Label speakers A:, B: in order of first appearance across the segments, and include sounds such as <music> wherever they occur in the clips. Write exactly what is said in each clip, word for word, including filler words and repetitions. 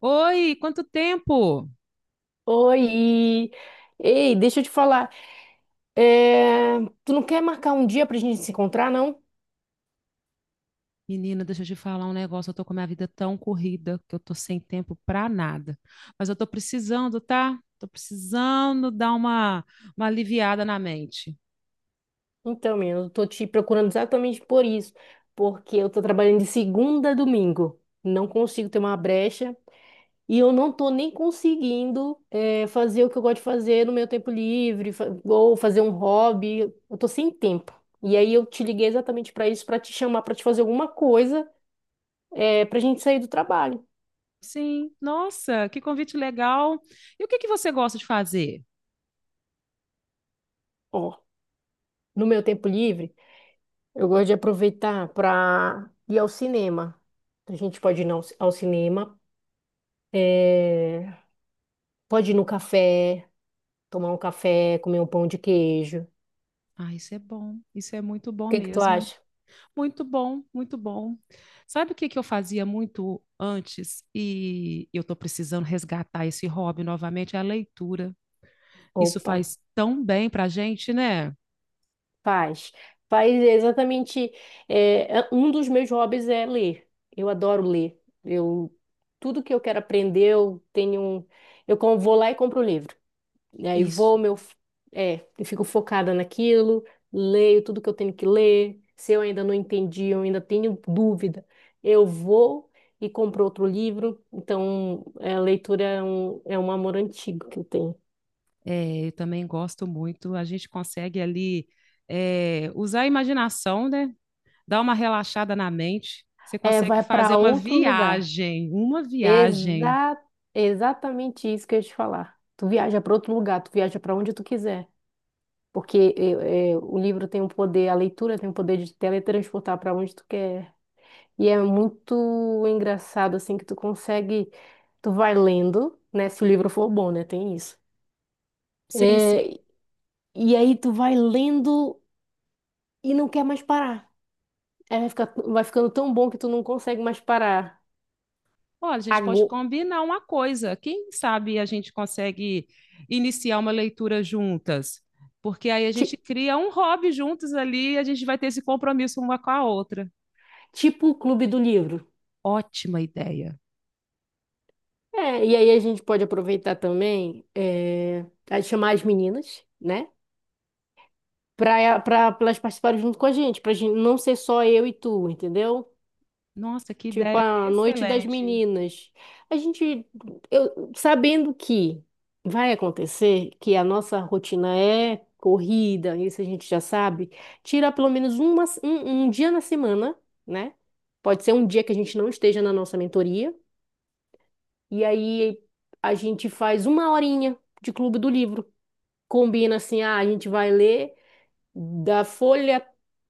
A: Oi, quanto tempo?
B: Oi! Ei, deixa eu te falar. é, Tu não quer marcar um dia pra gente se encontrar, não?
A: Menina, deixa eu te falar um negócio. Eu tô com a minha vida tão corrida que eu tô sem tempo pra nada. Mas eu tô precisando, tá? Tô precisando dar uma, uma aliviada na mente.
B: Então, menina, eu tô te procurando exatamente por isso. Porque eu tô trabalhando de segunda a domingo. Não consigo ter uma brecha. E eu não tô nem conseguindo é, fazer o que eu gosto de fazer no meu tempo livre, fa- ou fazer um hobby. Eu tô sem tempo. E aí eu te liguei exatamente pra isso, pra te chamar, pra te fazer alguma coisa, é, pra gente sair do trabalho.
A: Sim, nossa, que convite legal. E o que que você gosta de fazer?
B: Ó, no meu tempo livre. Eu gosto de aproveitar para ir ao cinema. A gente pode ir ao ci- ao cinema, eh, pode ir no café, tomar um café, comer um pão de queijo. O
A: Ah, isso é bom. Isso é muito bom
B: que que tu
A: mesmo.
B: acha?
A: Muito bom, muito bom. Sabe o que que eu fazia muito antes e eu tô precisando resgatar esse hobby novamente? É a leitura. Isso
B: Opa,
A: faz tão bem para a gente, né?
B: faz. Faz exatamente. eh, é- um dos meus hobbies é ler. Eu adoro ler. Eu, tudo que eu quero aprender, eu tenho um. Eu com- vou lá e compro o livro. E aí
A: Isso.
B: vou, meu, é, eu fico focada naquilo, leio tudo que eu tenho que ler. Se eu ainda não entendi, eu ainda tenho dúvida, eu vou e compro outro livro. Então, é, a leitura é um, é um amor antigo que eu tenho.
A: É, eu também gosto muito. A gente consegue ali é, usar a imaginação, né? Dar uma relaxada na mente. Você
B: É,
A: consegue
B: vai para
A: fazer uma
B: outro lugar.
A: viagem, uma viagem.
B: Exa exatamente isso que eu ia te falar. Tu viaja para outro lugar, tu viaja para onde tu quiser. Porque eh, eh, o livro tem um poder, a leitura tem o poder de teletransportar para onde tu quer. E é muito engraçado, assim, que tu consegue. Tu vai lendo, né? Se o livro for bom, né? Tem isso.
A: Sim, sim.
B: É, e aí tu vai lendo e não quer mais parar. Aí vai ficar, vai ficando tão bom que tu não consegue mais parar.
A: Olha, a gente pode
B: Ago-
A: combinar uma coisa. Quem sabe a gente consegue iniciar uma leitura juntas? Porque aí a gente
B: ti-
A: cria um hobby juntos ali e a gente vai ter esse compromisso uma com a outra.
B: tipo o Clube do Livro.
A: Ótima ideia.
B: É, e aí a gente pode aproveitar também é, a chamar as meninas, né? Pra, pra, pra elas participarem junto com a gente, pra gente não ser só eu e tu, entendeu?
A: Nossa, que
B: Tipo,
A: ideia
B: a Noite das
A: excelente.
B: Meninas. A gente, eu, sabendo que vai acontecer, que a nossa rotina é corrida, isso a gente já sabe, tira pelo menos uma, um, um dia na semana, né? Pode ser um dia que a gente não esteja na nossa mentoria, e aí a gente faz uma horinha de clube do livro. Combina assim, ah, a gente vai ler da folha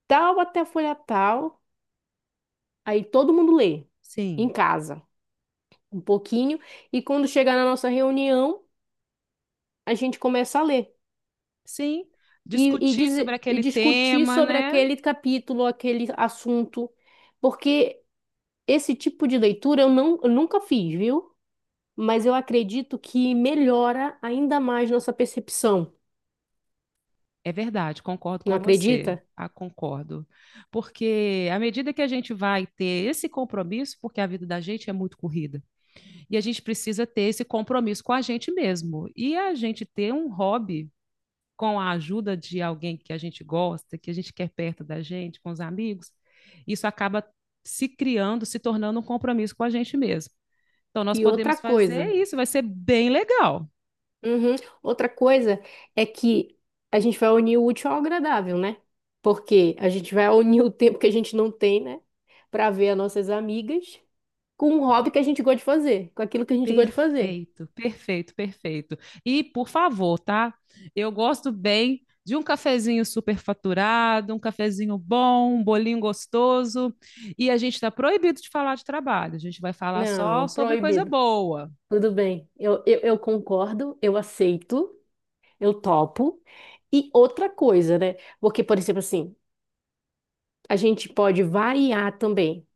B: tal até a folha tal, aí todo mundo lê em
A: Sim,
B: casa. um pouquinho, e quando chegar na nossa reunião, a gente começa a ler
A: sim.
B: e, e,
A: Discutir sobre
B: dizer- e
A: aquele
B: discutir
A: tema,
B: sobre
A: né?
B: aquele capítulo, aquele assunto, porque esse tipo de leitura eu, não, eu nunca fiz, viu? Mas eu acredito que melhora ainda mais nossa percepção,
A: É verdade, concordo
B: não
A: com você.
B: acredita?
A: Ah, concordo. Porque à medida que a gente vai ter esse compromisso, porque a vida da gente é muito corrida, e a gente precisa ter esse compromisso com a gente mesmo. E a gente ter um hobby com a ajuda de alguém que a gente gosta, que a gente quer perto da gente, com os amigos, isso acaba se criando, se tornando um compromisso com a gente mesmo. Então, nós
B: E outra
A: podemos fazer
B: coisa,
A: isso, vai ser bem legal.
B: uhum, outra coisa é que a gente vai unir o útil ao agradável, né? Porque a gente vai unir o tempo que a gente não tem, né? Para ver as nossas amigas. com um hobby que a gente gosta de fazer, com aquilo que a gente gosta de fazer.
A: Perfeito, perfeito, perfeito. E, por favor, tá? Eu gosto bem de um cafezinho superfaturado, um cafezinho bom, um bolinho gostoso. E a gente está proibido de falar de trabalho, a gente vai falar só
B: Não,
A: sobre coisa
B: proibido.
A: boa.
B: Tudo bem. Eu, eu, eu concordo, eu aceito, eu topo. E outra coisa, né? Porque, por exemplo, assim, a gente pode variar também.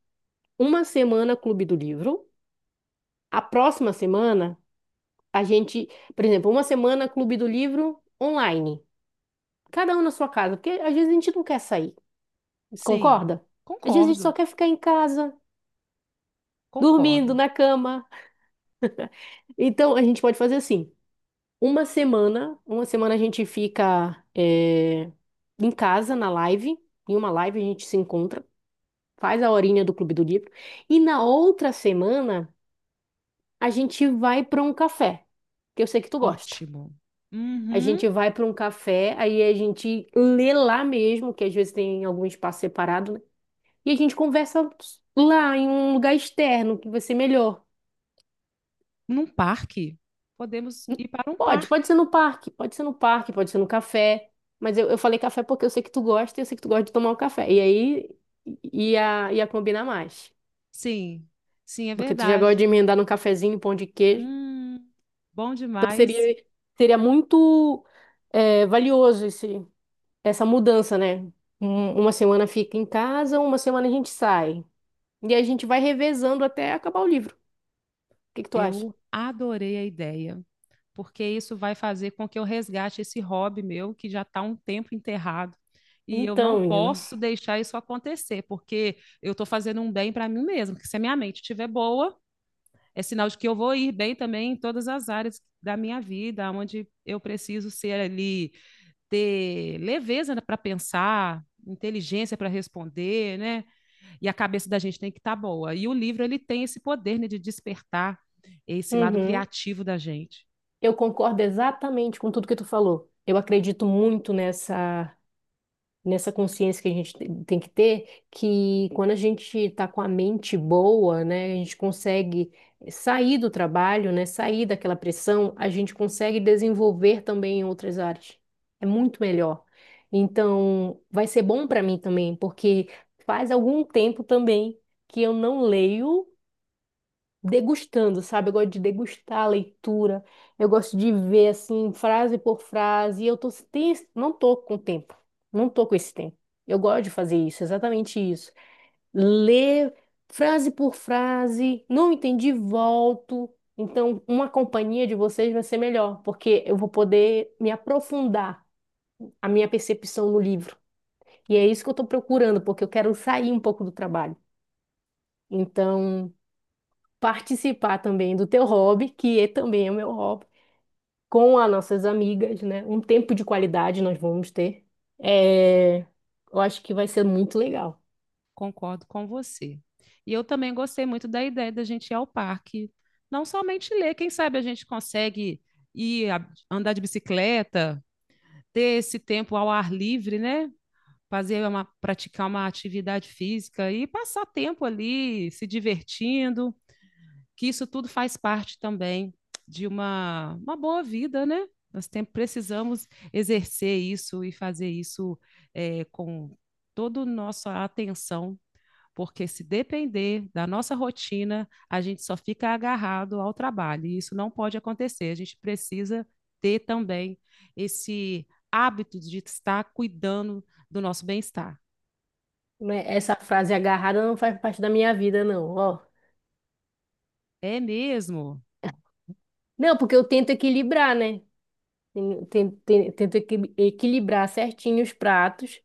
B: Uma semana Clube do Livro, a próxima semana a gente, por exemplo, uma semana Clube do Livro online. Cada um na sua casa, porque às vezes a gente não quer sair,
A: Sim,
B: concorda? Às vezes a gente só
A: concordo.
B: quer ficar em casa, dormindo
A: Concordo.
B: na cama. Então a gente pode fazer assim. Uma semana, uma semana a gente fica eh, em casa na live, em uma live a gente se encontra, faz a horinha do Clube do Livro, e na outra semana a gente vai para um café, que eu sei que tu gosta.
A: Ótimo.
B: A
A: Uhum.
B: gente vai para um café, aí a gente lê lá mesmo, que às vezes tem algum espaço separado, né? E a gente conversa lá em um lugar externo que vai ser melhor.
A: Num parque. Podemos ir para um
B: Pode, pode ser
A: parque.
B: no parque, pode ser no parque, pode ser no café. Mas eu, eu falei café porque eu sei que tu gosta e eu sei que tu gosta de tomar um café. E aí ia, ia combinar mais.
A: Sim, sim, é
B: Porque tu já gosta de
A: verdade.
B: emendar num cafezinho, pão de queijo.
A: Hum, bom
B: Então
A: demais.
B: seria, seria muito é, valioso esse, essa mudança, né? Um- uma semana fica em casa, uma semana a gente sai. E a gente vai revezando até acabar o livro. O que que tu acha?
A: Eu adorei a ideia, porque isso vai fazer com que eu resgate esse hobby meu que já está um tempo enterrado. E eu não
B: Então, menina.
A: posso deixar isso acontecer, porque eu estou fazendo um bem para mim mesma. Porque se a minha mente estiver boa, é sinal de que eu vou ir bem também em todas as áreas da minha vida, onde eu preciso ser ali, ter leveza para pensar, inteligência para responder, né? E a cabeça da gente tem que estar tá boa. E o livro ele tem esse poder né, de despertar esse lado
B: Uhum.
A: criativo da gente.
B: Eu concordo exatamente com tudo que tu falou. Eu acredito muito nessa nessa consciência que a gente te- tem que ter, que quando a gente está com a mente boa, né, a gente consegue sair do trabalho, né, sair daquela pressão, a gente consegue desenvolver também em outras áreas. É muito melhor. Então, vai ser bom para mim também, porque faz algum tempo também que eu não leio degustando, sabe? Eu gosto de degustar a leitura, eu gosto de ver assim, frase por frase, e eu tô, tem, não tô com tempo, não tô com esse tempo. Eu gosto de fazer isso, exatamente isso. Ler frase por frase, não entendi, volto. Então, uma companhia de vocês vai ser melhor, porque eu vou poder me aprofundar a minha percepção no livro. E é isso que eu estou procurando, porque eu quero sair um pouco do trabalho. Então, participar também do teu hobby, que é também o meu hobby, com as nossas amigas, né? Um tempo de qualidade nós vamos ter. É, eu acho que vai ser muito legal.
A: Concordo com você. E eu também gostei muito da ideia da gente ir ao parque, não somente ler, quem sabe a gente consegue ir a, andar de bicicleta, ter esse tempo ao ar livre, né? fazer uma, praticar uma atividade física e passar tempo ali se divertindo, que isso tudo faz parte também de uma, uma boa vida, né? Nós tem, precisamos exercer isso e fazer isso é, com toda a nossa atenção, porque se depender da nossa rotina, a gente só fica agarrado ao trabalho, e isso não pode acontecer. A gente precisa ter também esse hábito de estar cuidando do nosso bem-estar.
B: Né? Essa frase agarrada não faz parte da minha vida, não, ó.
A: É mesmo?
B: Não, porque eu tento equilibrar, né? Ten- ten- ten- Tento equi- equilibrar certinho os pratos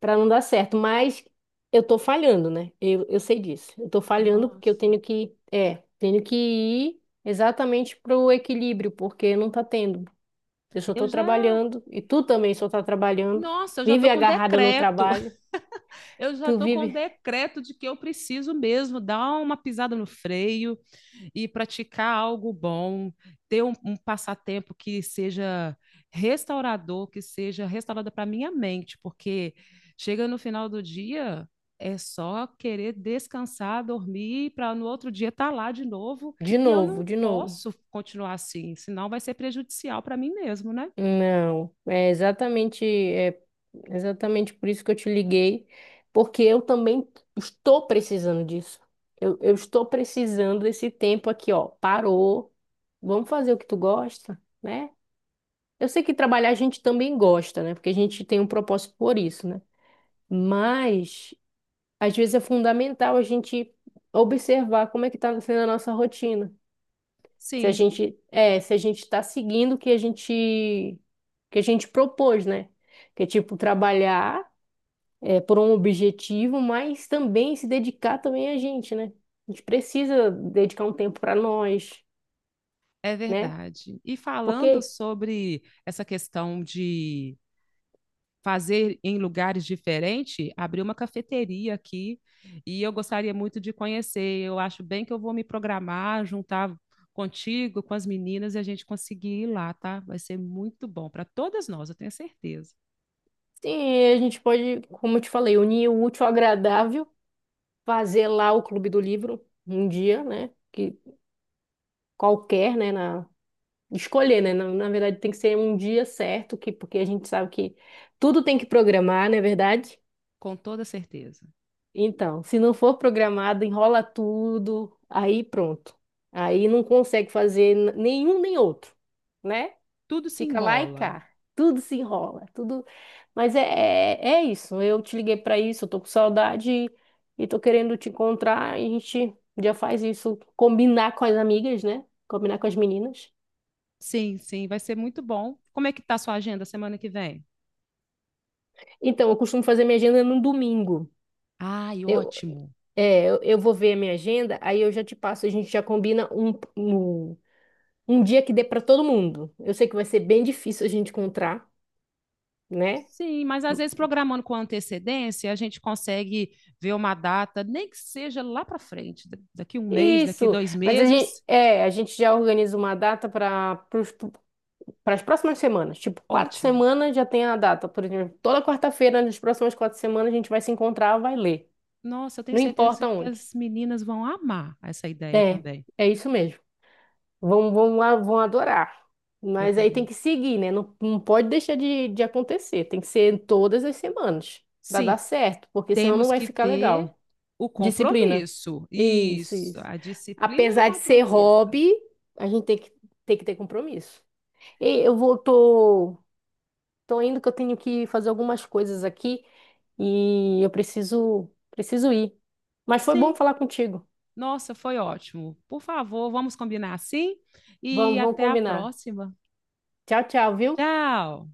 B: para não dar certo, mas eu tô falhando, né? Eu, eu sei disso. Eu tô falhando porque eu
A: Nossa,
B: tenho que, é, tenho que ir exatamente pro equilíbrio, porque não tá tendo. Eu só
A: eu
B: tô
A: já.
B: trabalhando e tu também só tá trabalhando.
A: Nossa, eu já tô
B: Vive
A: com
B: agarrada no
A: decreto.
B: trabalho.
A: <laughs> Eu
B: Tu
A: já tô com
B: vive
A: decreto de que eu preciso mesmo dar uma pisada no freio e praticar algo bom, ter um, um passatempo que seja restaurador, que seja restaurador para minha mente, porque chega no final do dia é só querer descansar, dormir, para no outro dia estar lá de novo,
B: de
A: e eu
B: novo,
A: não
B: de novo.
A: posso continuar assim, senão vai ser prejudicial para mim mesmo, né?
B: Não, é exatamente, é exatamente por isso que eu te liguei, porque eu também estou precisando disso. Eu, eu estou precisando desse tempo aqui, ó. Parou. Vamos fazer o que tu gosta, né? Eu sei que trabalhar a gente também gosta, né? Porque a gente tem um propósito por isso, né? Mas às vezes é fundamental a gente observar como é que tá sendo a nossa rotina. Se a
A: Sim,
B: gente, é, se a gente está seguindo o que a gente, que a gente propôs, né? Que é tipo trabalhar é, por um objetivo, mas também se dedicar também a gente, né? A gente precisa dedicar um tempo para nós,
A: é
B: né?
A: verdade. E falando
B: Porque
A: sobre essa questão de fazer em lugares diferentes, abriu uma cafeteria aqui e eu gostaria muito de conhecer. Eu acho bem que eu vou me programar, juntar contigo, com as meninas e a gente conseguir ir lá, tá? Vai ser muito bom para todas nós, eu tenho certeza.
B: sim, a gente pode, como eu te falei, unir o útil ao agradável, fazer lá o Clube do Livro um dia, né? Que qualquer, né? Na, escolher, né? Na, na verdade, tem que ser um dia certo, que, porque a gente sabe que tudo tem que programar, não é verdade?
A: Com toda certeza.
B: Então, se não for programado, enrola tudo, aí pronto. Aí não consegue fazer n- nenhum nem outro, né?
A: Tudo se
B: Fica lá e
A: embola.
B: cá. Tudo se enrola, tudo. Mas é, é, é isso. Eu te liguei para isso, eu tô com saudade e e tô querendo te encontrar. A gente já faz isso, combinar com as amigas, né? Combinar com as meninas.
A: Sim, sim, vai ser muito bom. Como é que tá a sua agenda semana que vem?
B: Então, eu costumo fazer minha agenda no domingo.
A: Ai,
B: Eu,
A: ótimo.
B: é, eu eu vou ver a minha agenda, aí eu já te passo, a gente já combina um, um Um dia que dê para todo mundo. Eu sei que vai ser bem difícil a gente encontrar, né?
A: Sim, mas às vezes programando com antecedência, a gente consegue ver uma data, nem que seja lá para frente, da- daqui um mês, daqui
B: Isso.
A: dois
B: Mas a gente,
A: meses,
B: é, a gente já organiza uma data para para as próximas semanas. Tipo, quarta
A: ótimo.
B: semana já tem a data. Por exemplo, toda quarta-feira, nas próximas quatro semanas, a gente vai se encontrar, vai ler.
A: Nossa, eu tenho
B: Não
A: certeza
B: importa
A: que
B: onde.
A: as meninas vão amar essa ideia
B: É,
A: também.
B: é isso mesmo. Vão, vão, a- vão adorar.
A: Eu
B: Mas aí tem
A: também.
B: que seguir, né? Não, não pode deixar de, de acontecer. Tem que ser todas as semanas para
A: Sim,
B: dar certo, porque senão não
A: temos
B: vai
A: que
B: ficar
A: ter
B: legal.
A: o
B: Disciplina.
A: compromisso.
B: Isso,
A: Isso,
B: isso.
A: a disciplina e o
B: Apesar de ser
A: compromisso.
B: hobby, a gente tem que, tem que ter compromisso. E eu vou, tô, tô indo que eu tenho que fazer algumas coisas aqui e eu preciso, preciso ir. Mas foi bom
A: Sim,
B: falar contigo.
A: nossa, foi ótimo. Por favor, vamos combinar assim e
B: Vamos, vamos
A: até a
B: combinar.
A: próxima.
B: Tchau, tchau, viu?
A: Tchau!